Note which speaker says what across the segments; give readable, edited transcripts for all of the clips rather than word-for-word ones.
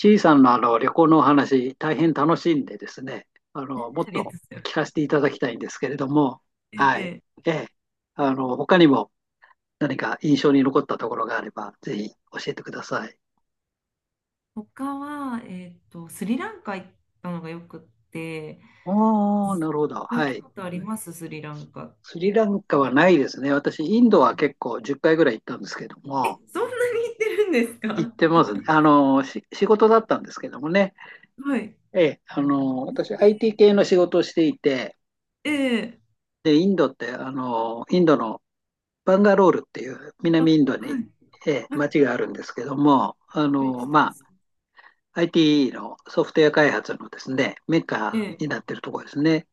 Speaker 1: 小さんのあの旅行のお話、大変楽しいんでですね、もっ
Speaker 2: ありが
Speaker 1: と
Speaker 2: とうございます。
Speaker 1: 聞かせていただきたいんですけれども、はい。
Speaker 2: ええ
Speaker 1: ええ。他にも何か印象に残ったところがあれば、ぜひ教えてください。
Speaker 2: 他は、スリランカ行ったのがよくって、
Speaker 1: おー、なるほ
Speaker 2: 行
Speaker 1: ど。
Speaker 2: かれ
Speaker 1: は
Speaker 2: た
Speaker 1: い。
Speaker 2: ことありますスリランカ？
Speaker 1: スリランカはないですね。私、インドは結構10回ぐらい行ったんですけど
Speaker 2: え、
Speaker 1: も、
Speaker 2: そんなに行ってるんです
Speaker 1: 行っ
Speaker 2: か？
Speaker 1: てますね。仕事だったんですけどもね。
Speaker 2: はい。
Speaker 1: ええ、私、IT 系の仕事をしていて、
Speaker 2: ええ、
Speaker 1: で、インドって、インドのバンガロールっていう
Speaker 2: あ、
Speaker 1: 南インドに、
Speaker 2: はい。は
Speaker 1: 町
Speaker 2: い。
Speaker 1: があるんですけども、
Speaker 2: はい、してます。
Speaker 1: IT のソフトウェア開発のですね、メッ
Speaker 2: え
Speaker 1: カに
Speaker 2: え、
Speaker 1: なってるところですね。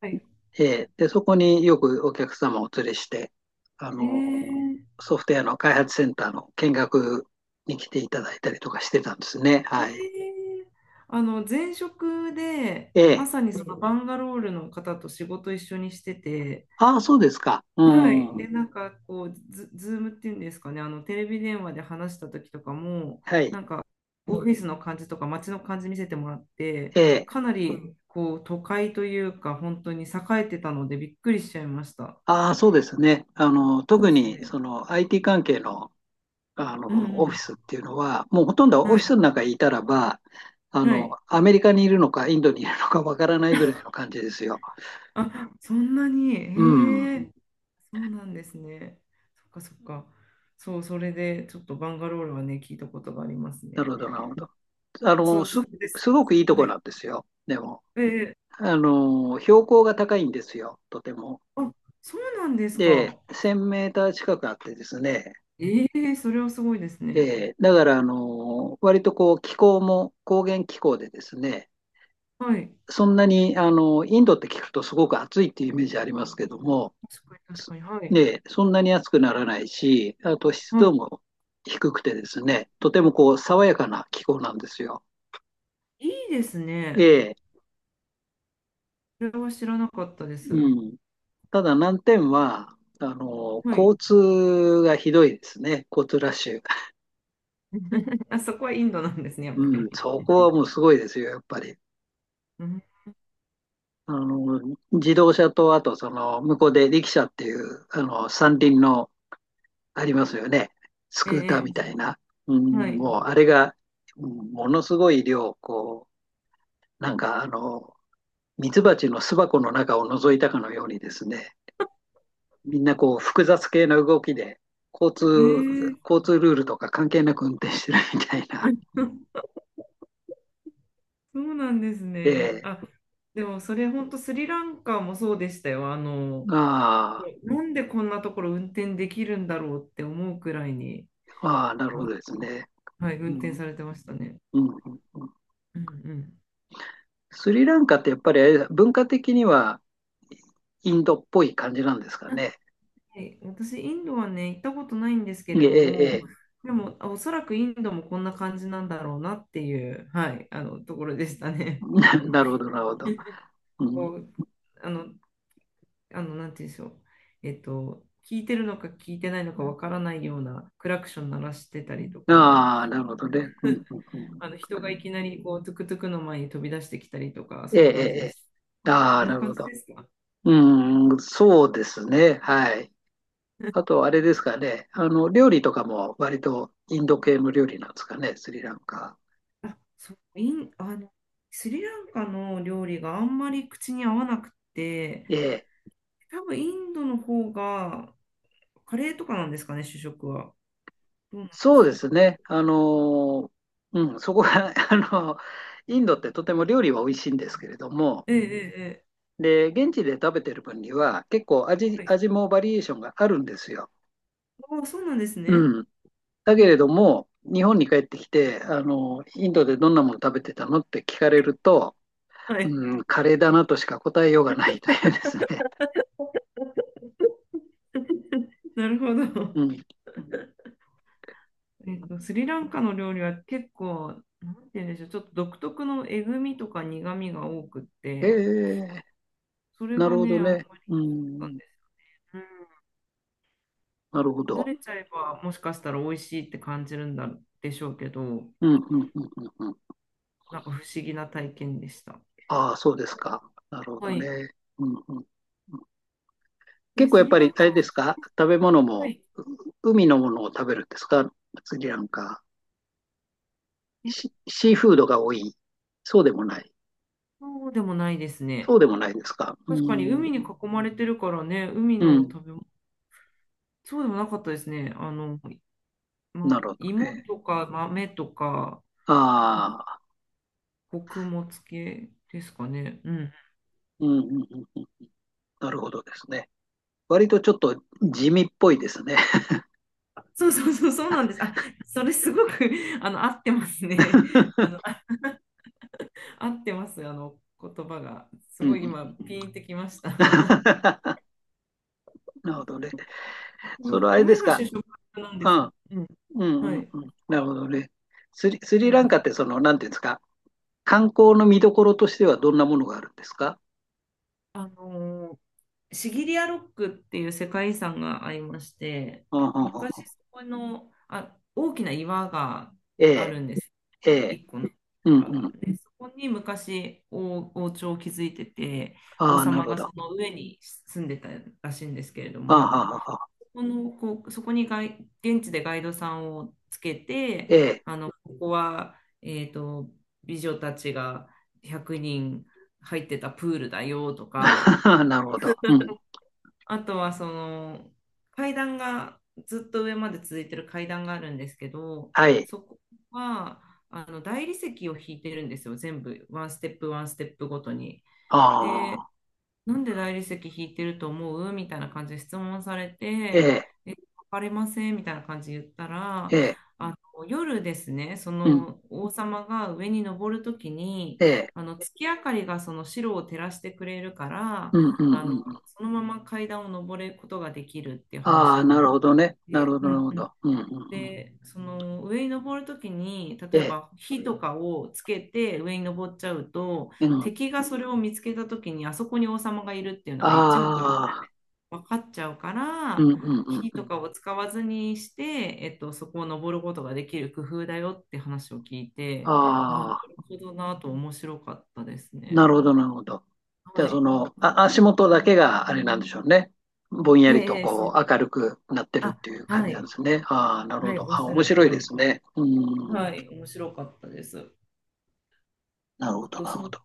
Speaker 2: はい。
Speaker 1: で、そこによくお客様をお連れして、あ
Speaker 2: え
Speaker 1: の、
Speaker 2: え、
Speaker 1: ソフトウェアの開発センターの見学に来ていただいたりとかしてたんですね。
Speaker 2: え
Speaker 1: はい。
Speaker 2: え。前職で、
Speaker 1: え
Speaker 2: ま
Speaker 1: ー
Speaker 2: さにそのバンガロールの方と仕事一緒にしてて、
Speaker 1: ああ、そうですか。う
Speaker 2: は
Speaker 1: ん。
Speaker 2: い。
Speaker 1: は
Speaker 2: で、なんかこう、ズームっていうんですかね、テレビ電話で話した時とかも、
Speaker 1: い。
Speaker 2: なんかオフィスの感じとか街の感じ見せてもらって、
Speaker 1: えー
Speaker 2: かなうりうんこう都会というか、本当に栄えてたのでびっくりしちゃいました。
Speaker 1: ああ、そうですね。
Speaker 2: そう
Speaker 1: 特
Speaker 2: ですよ
Speaker 1: に
Speaker 2: ね。
Speaker 1: その IT 関係のあ
Speaker 2: う
Speaker 1: の、オフィ
Speaker 2: ん、
Speaker 1: スっていうのは、もうほとんどオ
Speaker 2: うん。
Speaker 1: フィ
Speaker 2: は
Speaker 1: ス
Speaker 2: い。
Speaker 1: の中にいたらば、
Speaker 2: はい。
Speaker 1: アメリカにいるのか、インドにいるのかわからないぐらいの感じですよ。
Speaker 2: あ、そんなに。
Speaker 1: う
Speaker 2: へ
Speaker 1: ん。
Speaker 2: え。そうなんですね。そっかそっか。そう、それでちょっとバンガロールはね、聞いたことがあります
Speaker 1: なる
Speaker 2: ね。
Speaker 1: ほど、なるほど。あ
Speaker 2: そ
Speaker 1: の、
Speaker 2: う、そ
Speaker 1: す、
Speaker 2: うです。
Speaker 1: すごくいいと
Speaker 2: は
Speaker 1: こ
Speaker 2: い。
Speaker 1: なんですよ。でも、
Speaker 2: え
Speaker 1: 標高が高いんですよ、とても。
Speaker 2: あ、そうなんです
Speaker 1: で、
Speaker 2: か。
Speaker 1: 1000メーター近くあってですね、
Speaker 2: ええ、それはすごいですね。
Speaker 1: で、だから、割とこう、気候も高原気候でですね、
Speaker 2: はい。
Speaker 1: そんなに、インドって聞くとすごく暑いっていうイメージありますけども、
Speaker 2: 確かに、確かに。はい。
Speaker 1: で、そんなに暑くならないし、あと湿
Speaker 2: は
Speaker 1: 度
Speaker 2: い。
Speaker 1: も低くてですね、とてもこう爽やかな気候なんですよ。
Speaker 2: いいです
Speaker 1: え
Speaker 2: ね。
Speaker 1: え、
Speaker 2: それは知らなかったです。
Speaker 1: うん。ただ難点は、
Speaker 2: はい。
Speaker 1: 交通がひどいですね、交通ラッシュ。
Speaker 2: あ、そこはインドなんですね、やっぱ
Speaker 1: う
Speaker 2: り。
Speaker 1: ん、そこはもうすごいですよ、やっぱり。
Speaker 2: うん、
Speaker 1: 自動車と、あとその、向こうで力車っていう、三輪のありますよね、スクーターみ
Speaker 2: え
Speaker 1: たいな。う
Speaker 2: え、は
Speaker 1: ん、
Speaker 2: い。
Speaker 1: もうあれが、うん、ものすごい量、こう、なんかミツバチの巣箱の中を覗いたかのようにですね、みんなこう複雑系な動きで、交
Speaker 2: え
Speaker 1: 通、
Speaker 2: え。
Speaker 1: 交通ルールとか関係なく運転してるみたいな。
Speaker 2: そうなんですね。
Speaker 1: え
Speaker 2: あ、でもそれ本当スリランカもそうでしたよ。
Speaker 1: あ
Speaker 2: なんでこんなところ運転できるんだろうって思うくらいに、
Speaker 1: あ、なる
Speaker 2: あ、
Speaker 1: ほどですね。
Speaker 2: はい、
Speaker 1: う
Speaker 2: 運転
Speaker 1: ん、
Speaker 2: されてましたね。
Speaker 1: うん、うん。
Speaker 2: うん、うん。
Speaker 1: スリランカってやっぱり文化的にはインドっぽい感じなんですかね。
Speaker 2: はい、私、インドはね、行ったことないんですけ
Speaker 1: え
Speaker 2: れど
Speaker 1: え、
Speaker 2: も、でも、おそらくインドもこんな感じなんだろうなっていう、はい、ところでしたね。
Speaker 1: なるほど、なるほど。うん、
Speaker 2: こう、あの、なんて言うんでしょう。聞いてるのか聞いてないのかわからないようなクラクション鳴らしてたりとか、
Speaker 1: ああ、なるほどね。うん、う ん、うん。
Speaker 2: 人がいきなり、こう、トゥクトゥクの前に飛び出してきたりとか、
Speaker 1: え
Speaker 2: そんな
Speaker 1: え、
Speaker 2: 感
Speaker 1: え
Speaker 2: じです。
Speaker 1: え、あ
Speaker 2: そ
Speaker 1: あ、
Speaker 2: ん
Speaker 1: な
Speaker 2: な
Speaker 1: る
Speaker 2: 感
Speaker 1: ほ
Speaker 2: じ
Speaker 1: ど。
Speaker 2: ですか？
Speaker 1: うん、そうですね。はい。あと、あれですかね。料理とかも割とインド系の料理なんですかね、スリランカ。
Speaker 2: あ、そう、イン、あの、スリランカの料理があんまり口に合わなくて、
Speaker 1: ええ、
Speaker 2: 多分インドの方がカレーとかなんですかね、主食は。どうなんで
Speaker 1: そう
Speaker 2: し
Speaker 1: で
Speaker 2: ょ
Speaker 1: す
Speaker 2: う。
Speaker 1: ね。うん、そこが、あの、インドってとても料理は美味しいんですけれども、
Speaker 2: ええ、えええ、ええ、
Speaker 1: で、現地で食べてる分には結構
Speaker 2: はい。
Speaker 1: 味もバリエーションがあるんですよ。
Speaker 2: ああ、そうなんです
Speaker 1: う
Speaker 2: ね。
Speaker 1: ん。だけれども、日本に帰ってきて、インドでどんなもの食べてたのって聞かれると、
Speaker 2: はい。
Speaker 1: うん、カレーだなとしか答えようがないというですね。
Speaker 2: なるほど。
Speaker 1: うん。
Speaker 2: スリランカの料理は結構、なんて言うんでしょう、ちょっと独特のえぐみとか苦みが多くっ
Speaker 1: え
Speaker 2: て、
Speaker 1: え、
Speaker 2: それ
Speaker 1: な
Speaker 2: が
Speaker 1: るほど
Speaker 2: ね、あん
Speaker 1: ね。
Speaker 2: まり
Speaker 1: う
Speaker 2: なん
Speaker 1: ん、
Speaker 2: ですよ。
Speaker 1: なるほ
Speaker 2: うん、慣
Speaker 1: ど。
Speaker 2: れちゃえば、もしかしたら美味しいって感じるんだでしょうけど、
Speaker 1: うん、うん、うん、うん。うん、
Speaker 2: なんか不思議な体験でした。
Speaker 1: ああ、そうですか。なるほ
Speaker 2: は
Speaker 1: ど
Speaker 2: い。
Speaker 1: ね。うん、うん。
Speaker 2: で、
Speaker 1: 結構
Speaker 2: ス
Speaker 1: やっ
Speaker 2: リ
Speaker 1: ぱ
Speaker 2: ラ
Speaker 1: り、
Speaker 2: ン
Speaker 1: あ
Speaker 2: カ
Speaker 1: れで
Speaker 2: は、
Speaker 1: すか、食べ物
Speaker 2: は
Speaker 1: も、
Speaker 2: い。
Speaker 1: 海のものを食べるんですか、スリランカ。
Speaker 2: え
Speaker 1: シー
Speaker 2: あ、
Speaker 1: フードが多い。そうでもない。
Speaker 2: そうでもないです
Speaker 1: そう
Speaker 2: ね。
Speaker 1: でもないですか。う
Speaker 2: 確かに
Speaker 1: ん、
Speaker 2: 海に囲まれてるからね、海
Speaker 1: う
Speaker 2: の
Speaker 1: ん。
Speaker 2: 食べ物、そうでもなかったですね。ま、
Speaker 1: なるほどね。
Speaker 2: 芋とか豆とか、あ、
Speaker 1: ああ、
Speaker 2: 穀物系ですかね。うん。
Speaker 1: うん、うん、うん。なるほどですね。割とちょっと地味っぽいですね。
Speaker 2: そうそうそう、そうなんです。あ、それすごく。 合ってますね。あ、合ってます。言葉が。す
Speaker 1: うん、
Speaker 2: ごい
Speaker 1: うん。
Speaker 2: 今、ピンってきました。
Speaker 1: なるほどね。それは あれで
Speaker 2: 米
Speaker 1: す
Speaker 2: が
Speaker 1: か。
Speaker 2: 主食なんで
Speaker 1: う
Speaker 2: す
Speaker 1: ん。
Speaker 2: よ。うん。
Speaker 1: うん、
Speaker 2: は
Speaker 1: うん、
Speaker 2: い。
Speaker 1: うん。なるほどね。ス
Speaker 2: う
Speaker 1: リランカ
Speaker 2: ん。
Speaker 1: ってその、なんていうんですか。観光の見どころとしてはどんなものがあるんですか？
Speaker 2: あのーシギリアロックっていう世界遺産がありまして、
Speaker 1: うん、うん、うん、うん。
Speaker 2: 昔そこの、あ、大きな岩が
Speaker 1: え
Speaker 2: あ
Speaker 1: え、
Speaker 2: るんです。
Speaker 1: ええ。
Speaker 2: 一個の
Speaker 1: う
Speaker 2: 岩
Speaker 1: ん、う
Speaker 2: が。
Speaker 1: ん。
Speaker 2: で、そこに昔王朝を築いてて、王
Speaker 1: ああ、なる
Speaker 2: 様
Speaker 1: ほ
Speaker 2: が
Speaker 1: ど。
Speaker 2: そ
Speaker 1: あ
Speaker 2: の上に住んでたらしいんですけれど
Speaker 1: あ、は
Speaker 2: も、
Speaker 1: あ、はあ、あ
Speaker 2: そこの、こう、そこに現地でガイドさんをつけて、
Speaker 1: ええ。
Speaker 2: ここは、えっと、美女たちが100人入ってたプールだよとか、
Speaker 1: なるほど。うん。
Speaker 2: あとはその階段がずっと上まで続いてる階段があるんですけど、
Speaker 1: はい。
Speaker 2: そこは大理石を引いてるんですよ、全部ワンステップワンステップごとに。
Speaker 1: あ
Speaker 2: で、
Speaker 1: あ。
Speaker 2: なんで大理石引いてると思うみたいな感じで質問され
Speaker 1: え
Speaker 2: て、
Speaker 1: え、
Speaker 2: え、わかりませんみたいな感じで言ったら、
Speaker 1: ええ。
Speaker 2: あの夜ですね、そ
Speaker 1: うん。
Speaker 2: の王様が上に登るときに、
Speaker 1: ええ。
Speaker 2: あの月明かりがその城を照らしてくれるから、
Speaker 1: うん、うん、う
Speaker 2: あ
Speaker 1: ん、
Speaker 2: の
Speaker 1: うん。
Speaker 2: そのまま階段を登ることができるっていう
Speaker 1: あ
Speaker 2: 話
Speaker 1: あ、
Speaker 2: に
Speaker 1: な
Speaker 2: なっ
Speaker 1: るほ
Speaker 2: て
Speaker 1: ど
Speaker 2: い
Speaker 1: ね。なる
Speaker 2: て、
Speaker 1: ほど、
Speaker 2: う
Speaker 1: なる
Speaker 2: ん、
Speaker 1: ほ
Speaker 2: うん。
Speaker 1: ど。うん、うん、うん。
Speaker 2: で、その上に登るときに、
Speaker 1: え
Speaker 2: 例え
Speaker 1: え。
Speaker 2: ば火とかをつけて上に登っちゃうと、
Speaker 1: うん。
Speaker 2: 敵がそれを見つけたときに、あそこに王様がいるっていうのが一目瞭然
Speaker 1: ああ。
Speaker 2: 分かっちゃうか
Speaker 1: うん、
Speaker 2: ら、
Speaker 1: うん、うん、
Speaker 2: 火
Speaker 1: う
Speaker 2: と
Speaker 1: ん。
Speaker 2: かを使わずにして、そこを登ることができる工夫だよって話を聞いて、ああ、な
Speaker 1: あ
Speaker 2: る
Speaker 1: あ、
Speaker 2: ほどなと面白かったです
Speaker 1: な
Speaker 2: ね。
Speaker 1: るほど、なるほど。じゃ
Speaker 2: は
Speaker 1: あ、そ
Speaker 2: い。
Speaker 1: の、あ、足元だけがあれなんでしょうね。ぼんや
Speaker 2: ええ、
Speaker 1: りと
Speaker 2: ええ、そ
Speaker 1: こ
Speaker 2: う。
Speaker 1: う明るくなってる
Speaker 2: あ、
Speaker 1: っていう感
Speaker 2: は
Speaker 1: じなんで
Speaker 2: い。
Speaker 1: すね。ああ、なる
Speaker 2: は
Speaker 1: ほ
Speaker 2: い、
Speaker 1: ど。
Speaker 2: おっ
Speaker 1: あ、
Speaker 2: しゃ
Speaker 1: 面
Speaker 2: る
Speaker 1: 白
Speaker 2: 通
Speaker 1: いで
Speaker 2: り。
Speaker 1: すね。うん。
Speaker 2: はい、面白かったです。
Speaker 1: なるほ
Speaker 2: あ
Speaker 1: ど、
Speaker 2: と、
Speaker 1: なる
Speaker 2: そ
Speaker 1: ほ
Speaker 2: の
Speaker 1: ど。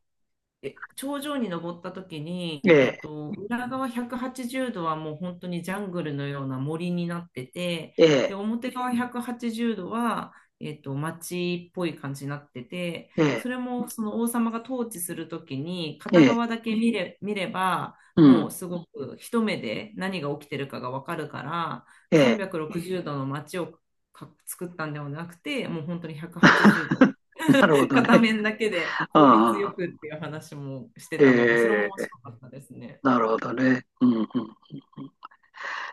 Speaker 2: 頂上に登った時
Speaker 1: え
Speaker 2: に、
Speaker 1: え、
Speaker 2: 裏側180度はちじゅうどはもう本当にジャングルのような森になってて、
Speaker 1: え
Speaker 2: で、
Speaker 1: え、
Speaker 2: 表側180度はちじゅうどは、町っぽい感じになってて、
Speaker 1: え
Speaker 2: そ
Speaker 1: え、
Speaker 2: れもその王様が統治する時に、
Speaker 1: え
Speaker 2: 片
Speaker 1: え、
Speaker 2: 側だけ見れば、
Speaker 1: う
Speaker 2: も
Speaker 1: ん。
Speaker 2: うすごく一目で何が起きてるかがわかるから、
Speaker 1: ええ、
Speaker 2: 360度の町を作ったんではなくて、もう本当に180
Speaker 1: なるほど
Speaker 2: 片
Speaker 1: ね。
Speaker 2: 面だけで効率よ
Speaker 1: あ
Speaker 2: くっ
Speaker 1: あ、
Speaker 2: ていう話もしてたので、それも
Speaker 1: え
Speaker 2: 面
Speaker 1: え、
Speaker 2: 白かったですね。
Speaker 1: なるほどね。うん、うん、うん。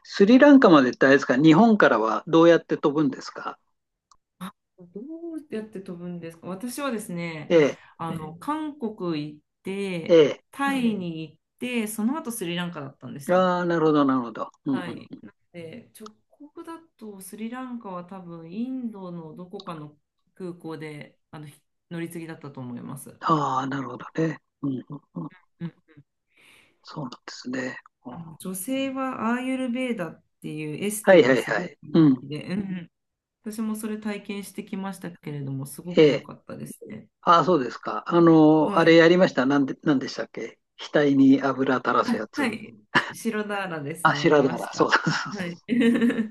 Speaker 1: スリランカまでってあれですか、日本からはどうやって飛ぶんですか？
Speaker 2: あ、どうやって飛ぶんですか？私はですね、
Speaker 1: ええ、
Speaker 2: 韓国行っ
Speaker 1: え
Speaker 2: て、
Speaker 1: え。
Speaker 2: タイに行って、その後スリランカだったんですよ。
Speaker 1: ああ、なるほど、なるほど。うん、
Speaker 2: は
Speaker 1: う
Speaker 2: い。
Speaker 1: ん。
Speaker 2: なので、直行だとスリランカは多分インドのどこかの空港であのひ乗り継ぎだったと思います。
Speaker 1: ああ、なるほどね。うん、うん、うん。
Speaker 2: うん、
Speaker 1: そうなんですね。うん、
Speaker 2: 女性はアーユルヴェーダっていうエス
Speaker 1: はい、
Speaker 2: テ
Speaker 1: は
Speaker 2: が
Speaker 1: い、
Speaker 2: す
Speaker 1: は
Speaker 2: ごく
Speaker 1: い。う
Speaker 2: 人
Speaker 1: ん。
Speaker 2: 気で、うん、私もそれ体験してきましたけれども、すご
Speaker 1: え
Speaker 2: く良
Speaker 1: え。
Speaker 2: かったですね。
Speaker 1: ああ、そうですか。
Speaker 2: は
Speaker 1: あれ
Speaker 2: い。
Speaker 1: やりました。なんでしたっけ、額に油垂らす
Speaker 2: あ、
Speaker 1: や
Speaker 2: は
Speaker 1: つ。
Speaker 2: い。白ダーラです
Speaker 1: あ、
Speaker 2: ね、やり
Speaker 1: 白だか
Speaker 2: まし
Speaker 1: ら。そう
Speaker 2: た。
Speaker 1: そうそう
Speaker 2: はい。い
Speaker 1: そう。うん、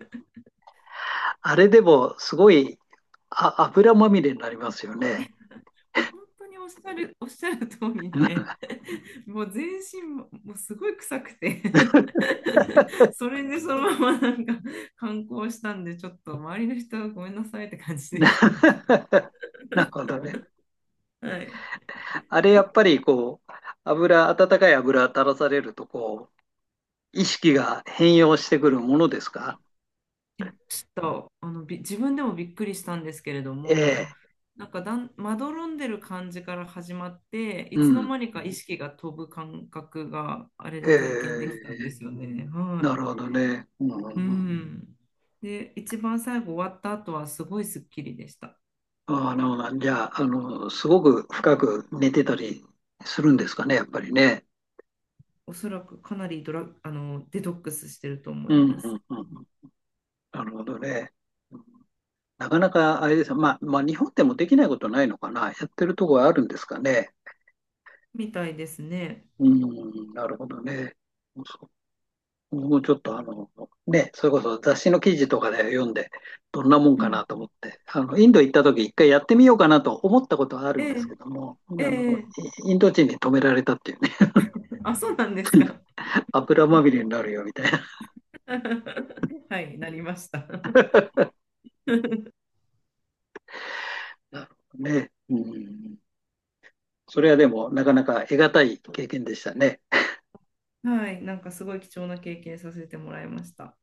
Speaker 1: あれでも、すごい、あ、油まみれになりますよね。
Speaker 2: や、本当におっしゃる、おっしゃる通りで、もう全身も、もうすごい臭くて。 それでそのままなんか観光したんで、ちょっと周りの人はごめんなさいって感じで
Speaker 1: な
Speaker 2: した。
Speaker 1: るほどね。
Speaker 2: はい。
Speaker 1: あれやっぱりこう、温かい油垂らされると、こう、意識が変容してくるものですか？
Speaker 2: ちょっと、自分でもびっくりしたんですけれど
Speaker 1: え
Speaker 2: も、
Speaker 1: え。
Speaker 2: なんかまどろんでる感じから始まって、い
Speaker 1: う
Speaker 2: つの
Speaker 1: ん。
Speaker 2: 間にか意識が飛ぶ感覚があれ
Speaker 1: え
Speaker 2: で体験できたんで
Speaker 1: え、
Speaker 2: すよね。は
Speaker 1: な
Speaker 2: い。
Speaker 1: るほどね。うん、
Speaker 2: う
Speaker 1: うん、
Speaker 2: ん。で、一番最後終わった後はすごいスッキリでした。
Speaker 1: うん、ああ、なるほど。じゃあ、すごく深く寝てたりするんですかね、やっぱりね。
Speaker 2: おそらくかなりドラ、あの、デトックスしてると思
Speaker 1: う
Speaker 2: い
Speaker 1: ん、う
Speaker 2: ます。
Speaker 1: ん、うん、うん。なるほどね。うん、なかなかあれですよ。まあ、日本でもできないことないのかな。やってるとこはあるんですかね。
Speaker 2: みたいですね。
Speaker 1: うん、なるほどね。僕もちょっとね、それこそ雑誌の記事とかで読んで、どんなもん
Speaker 2: う
Speaker 1: かな
Speaker 2: ん。
Speaker 1: と思って、インド行った時一回やってみようかなと思ったことはある
Speaker 2: え
Speaker 1: んです
Speaker 2: え、
Speaker 1: けども、
Speaker 2: ええ、
Speaker 1: インド人に止められたっていうね、
Speaker 2: あ、そうなんですか。
Speaker 1: 油まみれになるよみたいな。
Speaker 2: はい、なりました。
Speaker 1: なるほどね。うん。それはでも、なかなか得難い経験でしたね。
Speaker 2: はい、なんかすごい貴重な経験させてもらいました。